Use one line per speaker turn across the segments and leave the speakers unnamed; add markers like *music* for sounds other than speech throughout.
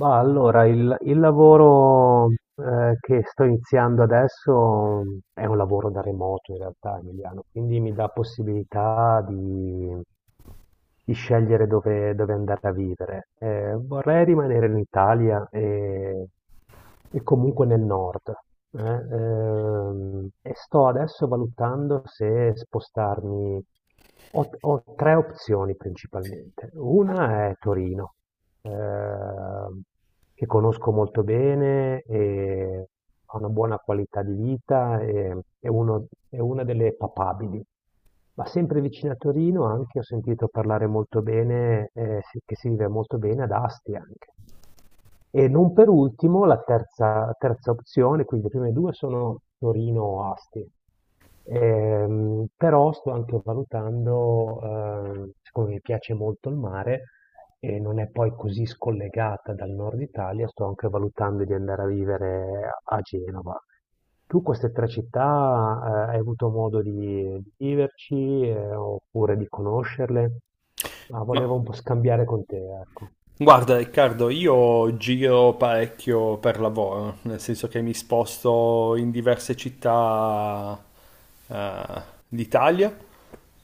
Ma allora il lavoro che sto iniziando adesso è un lavoro da remoto in realtà, Emiliano, quindi mi dà possibilità di scegliere dove andare a vivere. Vorrei rimanere in Italia e comunque nel nord. E sto adesso valutando se spostarmi. Ho tre opzioni principalmente. Una è Torino, ehm, che conosco molto bene e ha una buona qualità di vita e è una delle papabili. Ma sempre vicino a Torino anche ho sentito parlare molto bene, che si vive molto bene ad Asti anche. E non per ultimo la terza, terza opzione, quindi le prime due sono Torino o Asti. Però sto anche valutando, siccome mi piace molto il mare e non è poi così scollegata dal nord Italia, sto anche valutando di andare a vivere a Genova. Tu queste tre città, hai avuto modo di viverci, oppure di conoscerle? Ma volevo
Ma
un po' scambiare con te, ecco.
guarda Riccardo, io giro parecchio per lavoro, nel senso che mi sposto in diverse città eh, d'Italia,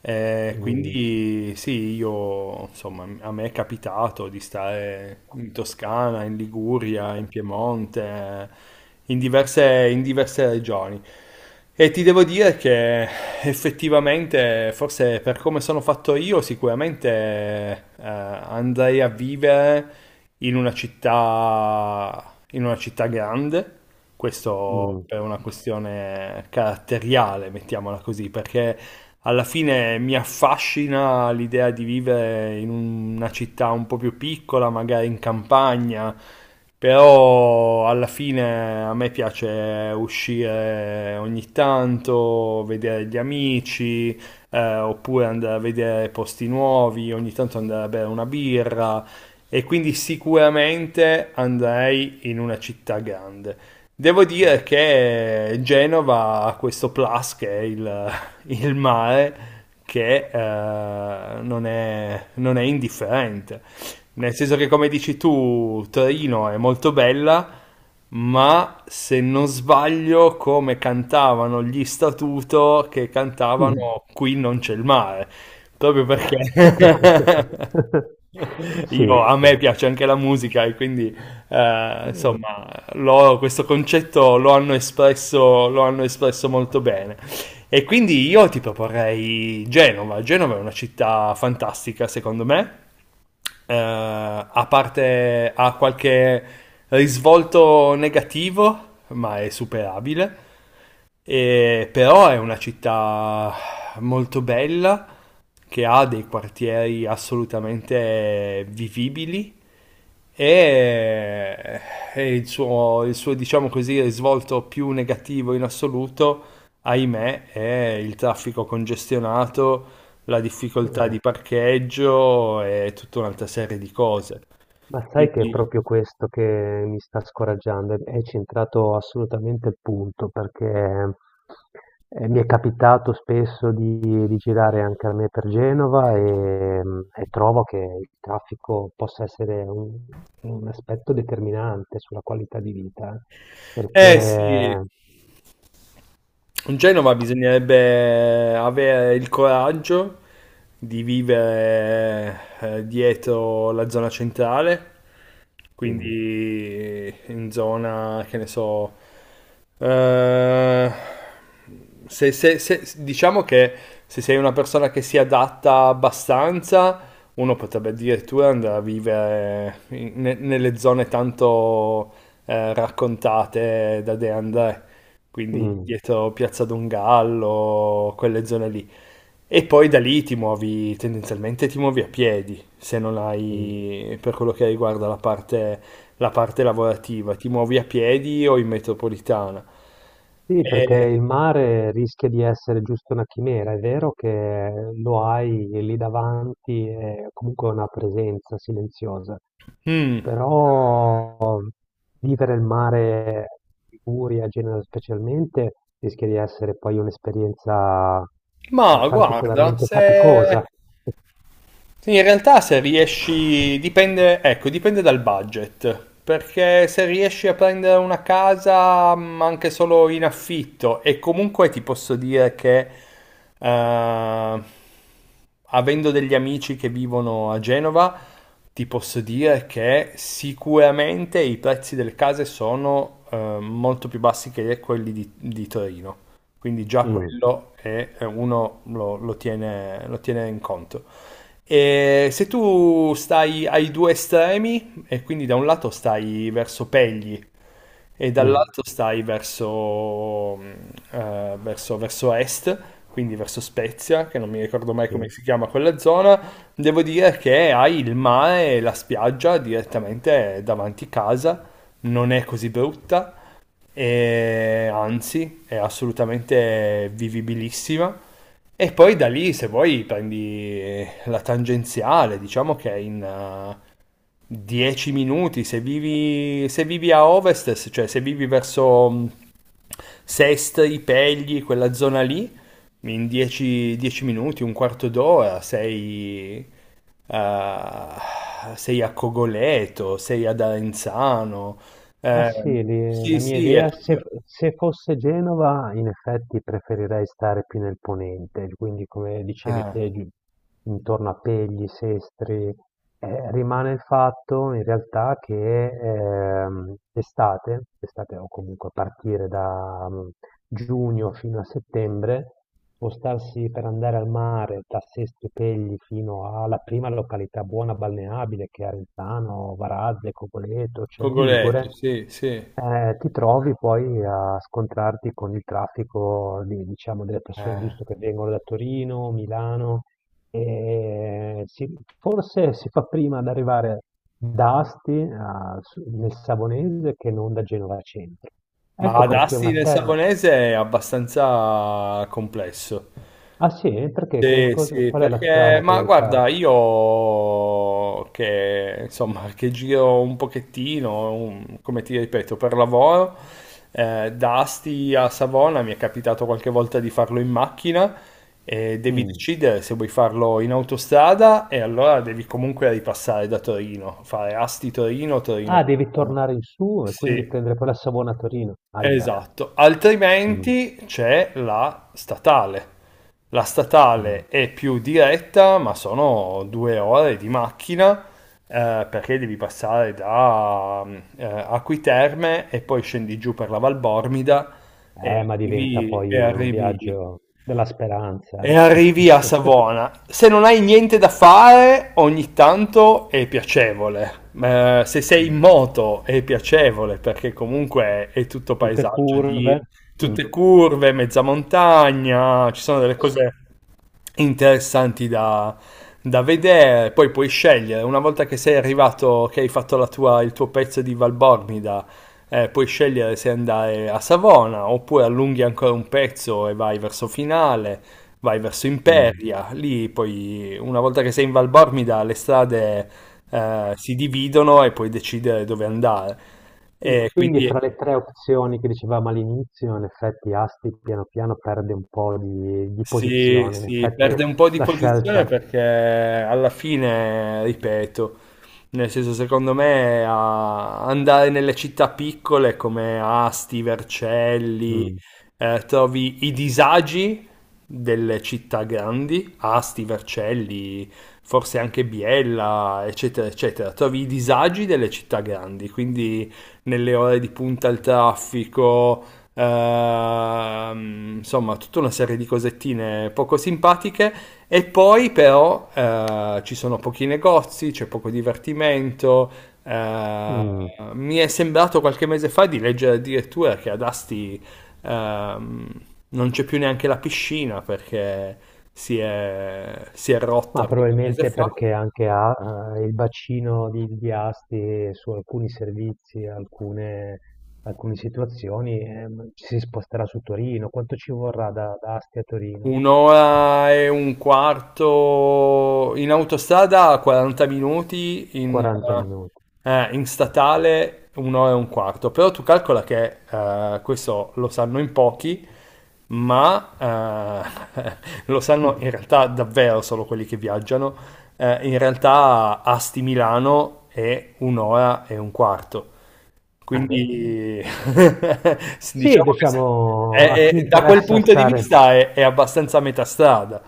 Mm,
quindi sì, io insomma, a me è capitato di stare in Toscana, in Liguria, in Piemonte, in diverse regioni. E ti devo dire che effettivamente, forse per come sono fatto io, sicuramente andrei a vivere in una città grande. Questo
mm.
è una questione caratteriale, mettiamola così, perché alla fine mi affascina l'idea di vivere in una città un po' più piccola, magari in campagna, però alla fine a me piace uscire ogni tanto, vedere gli amici, oppure andare a vedere posti nuovi, ogni tanto andare a bere una birra e quindi sicuramente andrei in una città grande. Devo
*laughs* Mh.
dire che Genova ha questo plus che è *laughs* il mare che non è indifferente. Nel senso che, come dici tu, Torino è molto bella, ma se non sbaglio, come cantavano gli Statuto che cantavano
Mh.
qui non c'è il mare, proprio perché *laughs*
Sì,
io, a
sì.
me piace anche la musica e quindi,
Mh,
insomma, questo concetto lo hanno espresso molto bene. E quindi io ti proporrei Genova. Genova è una città fantastica, secondo me. A parte ha qualche risvolto negativo, ma è superabile. Però è una città molto bella, che ha dei quartieri assolutamente vivibili e, e il suo, diciamo così, risvolto più negativo in assoluto, ahimè, è il traffico congestionato, la difficoltà
mh.
di parcheggio e tutta un'altra serie di cose.
Ma sai che è
Quindi,
proprio questo che mi sta scoraggiando, e hai centrato assolutamente il punto, perché, mi è capitato spesso di girare anche a me per Genova, e trovo che il traffico possa essere un aspetto determinante sulla qualità di vita,
eh sì,
perché
in Genova bisognerebbe avere il coraggio di vivere dietro la zona centrale,
mh,
quindi in zona, che ne so, eh, diciamo che se sei una persona che si adatta abbastanza, uno potrebbe addirittura andare a vivere nelle zone tanto raccontate da De André, quindi
mh,
dietro Piazza Dongallo, quelle zone lì. E poi da lì ti muovi, tendenzialmente ti muovi a piedi, se non
mh.
hai, per quello che riguarda la parte lavorativa, ti muovi a piedi o in metropolitana.
Sì, perché
E-
il mare rischia di essere giusto una chimera, è vero che lo hai lì davanti, è comunque una presenza silenziosa,
Mm.
però vivere il mare in Liguria, a Genova specialmente, rischia di essere poi un'esperienza
Ma guarda,
particolarmente
se...
faticosa.
sì, in realtà se riesci, dipende, ecco, dipende dal budget, perché se riesci a prendere una casa anche solo in affitto e comunque ti posso dire che eh, avendo degli amici che vivono a Genova, ti posso dire che sicuramente i prezzi delle case sono molto più bassi che quelli di Torino. Quindi già
Mm,
quello è, uno lo tiene in conto. E se tu stai ai due estremi, e quindi da un lato stai verso Pegli, e
mm,
dall'altro stai verso, verso est, quindi verso Spezia, che non mi ricordo mai come
sì.
si chiama quella zona. Devo dire che hai il mare e la spiaggia direttamente davanti casa, non è così brutta, e anzi è assolutamente vivibilissima. E poi da lì, se vuoi, prendi la tangenziale, diciamo che è in, 10 minuti, se vivi a ovest, cioè se vivi verso Sest, i Pegli, quella zona lì, in 10 minuti, un quarto d'ora sei, eh, sei a Cogoleto, sei ad Arenzano.
Ma
Eh,
sì,
sì,
la mia
sì, è
idea,
proprio...
se fosse Genova, in effetti preferirei stare più nel ponente, quindi come dicevi
ah,
te, intorno a Pegli, Sestri, rimane il fatto in realtà che estate, estate o comunque a partire da giugno fino a settembre, spostarsi per andare al mare da Sestri Pegli fino alla prima località buona balneabile che è Arenzano, Varazze, Cogoleto, Celle
Cogoleto,
Ligure,
sì, sì.
ti trovi poi a scontrarti con il traffico diciamo, delle persone
Eh.
giusto che vengono da Torino, Milano, e forse si fa prima ad arrivare da Asti nel Savonese che non da Genova Centro.
Ma
Ecco
ad
perché
Asti
una
nel
terra.
Savonese è abbastanza complesso.
Ah sì? Perché?
Sì, sì,
Qual è la
perché,
strada che
ma
devi fare?
guarda, io che insomma, che giro un pochettino, come ti ripeto, per lavoro, da Asti a Savona mi è capitato qualche volta di farlo in macchina e devi
Mm.
decidere se vuoi farlo in autostrada e allora devi comunque ripassare da Torino, fare Asti-Torino,
Ah, devi
Torino-Savona.
tornare in su e quindi
Sì.
prendere poi la Savona a Torino. Aia.
Esatto,
Mm,
altrimenti c'è la statale. La
mm.
statale è più diretta, ma sono 2 ore di macchina perché devi passare da mm, Acquiterme e poi scendi giù per la Valbormida e
Ma diventa
arrivi,
poi
e
un
arrivi
viaggio della speranza.
e
Eh.
arrivi a
*laughs*
Savona. Se non hai niente da fare, ogni tanto è piacevole. Se sei in
Mm.
moto è piacevole perché comunque è tutto
Tutte
paesaggio
curve.
di
Mm,
tutte curve, mezza montagna, ci sono delle cose interessanti da, da vedere. Poi puoi scegliere, una volta che sei arrivato, che hai fatto la tua- il tuo pezzo di Valbormida, puoi scegliere se andare a Savona oppure allunghi ancora un pezzo e vai verso finale, vai verso
mm.
Imperia, lì poi una volta che sei in Val Bormida le strade si dividono e puoi decidere dove andare.
E
E
quindi
quindi
fra le tre opzioni che dicevamo all'inizio, in effetti Asti piano piano perde un po' di
sì,
posizione, in
sì,
effetti
perde un po' di
la
posizione
scelta.
perché alla fine, ripeto, nel senso secondo me andare nelle città piccole come Asti, Vercelli,
Mm,
trovi i disagi delle città grandi, Asti, Vercelli, forse anche Biella, eccetera, eccetera, trovi i disagi delle città grandi, quindi nelle ore di punta al traffico. Insomma, tutta una serie di cosettine poco simpatiche. E poi, però, ci sono pochi negozi, c'è poco divertimento. eh,
mm.
Mi è sembrato qualche mese fa di leggere addirittura che ad Asti ehm, non c'è più neanche la piscina perché si è rotta
Ma
qualche mese
probabilmente
fa.
perché anche ha il bacino di Asti su alcuni servizi, alcune, alcune situazioni, ci si sposterà su Torino. Quanto ci vorrà da Asti a Torino?
1 ora e un quarto in autostrada, 40 minuti,
40 minuti.
in statale 1 ora e un quarto. Però tu calcola che questo lo sanno in pochi, ma eh, *laughs* lo sanno
Mm.
in realtà davvero solo quelli che viaggiano. In realtà Asti Milano è 1 ora e un quarto.
Ah, beh,
Quindi *laughs*
sì,
diciamo che
diciamo, a chi
da quel
interessa
punto di
stare.
vista è abbastanza a metà strada.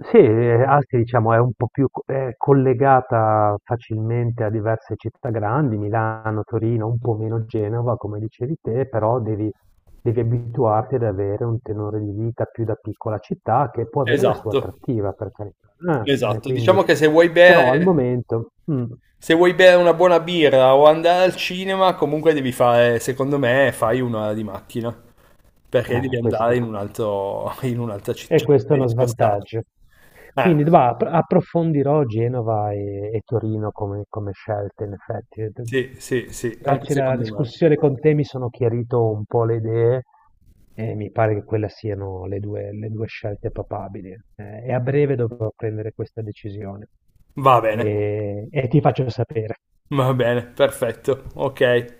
Sì, Asti diciamo è un po' è collegata facilmente a diverse città grandi, Milano, Torino, un po' meno Genova, come dicevi te, però devi, devi abituarti ad avere un tenore di vita più da piccola città che può avere la sua
Esatto,
attrattiva, per carità.
esatto.
Quindi,
Diciamo che
però al momento, mm,
se vuoi bere una buona birra o andare al cinema, comunque devi fare, secondo me, fai 1 ora di macchina, perché devi andare in
questo.
un altro, in un'altra
E
città, cioè,
questo è uno
devi spostarti.
svantaggio.
Eh,
Quindi va, approfondirò Genova e Torino come, come scelte, in effetti.
sì, sì, sì, anche
Grazie alla
secondo me.
discussione con te mi sono chiarito un po' le idee e mi pare che quelle siano le due scelte papabili. E a breve dovrò prendere questa decisione
Va bene,
e ti faccio sapere.
va bene, perfetto, ok.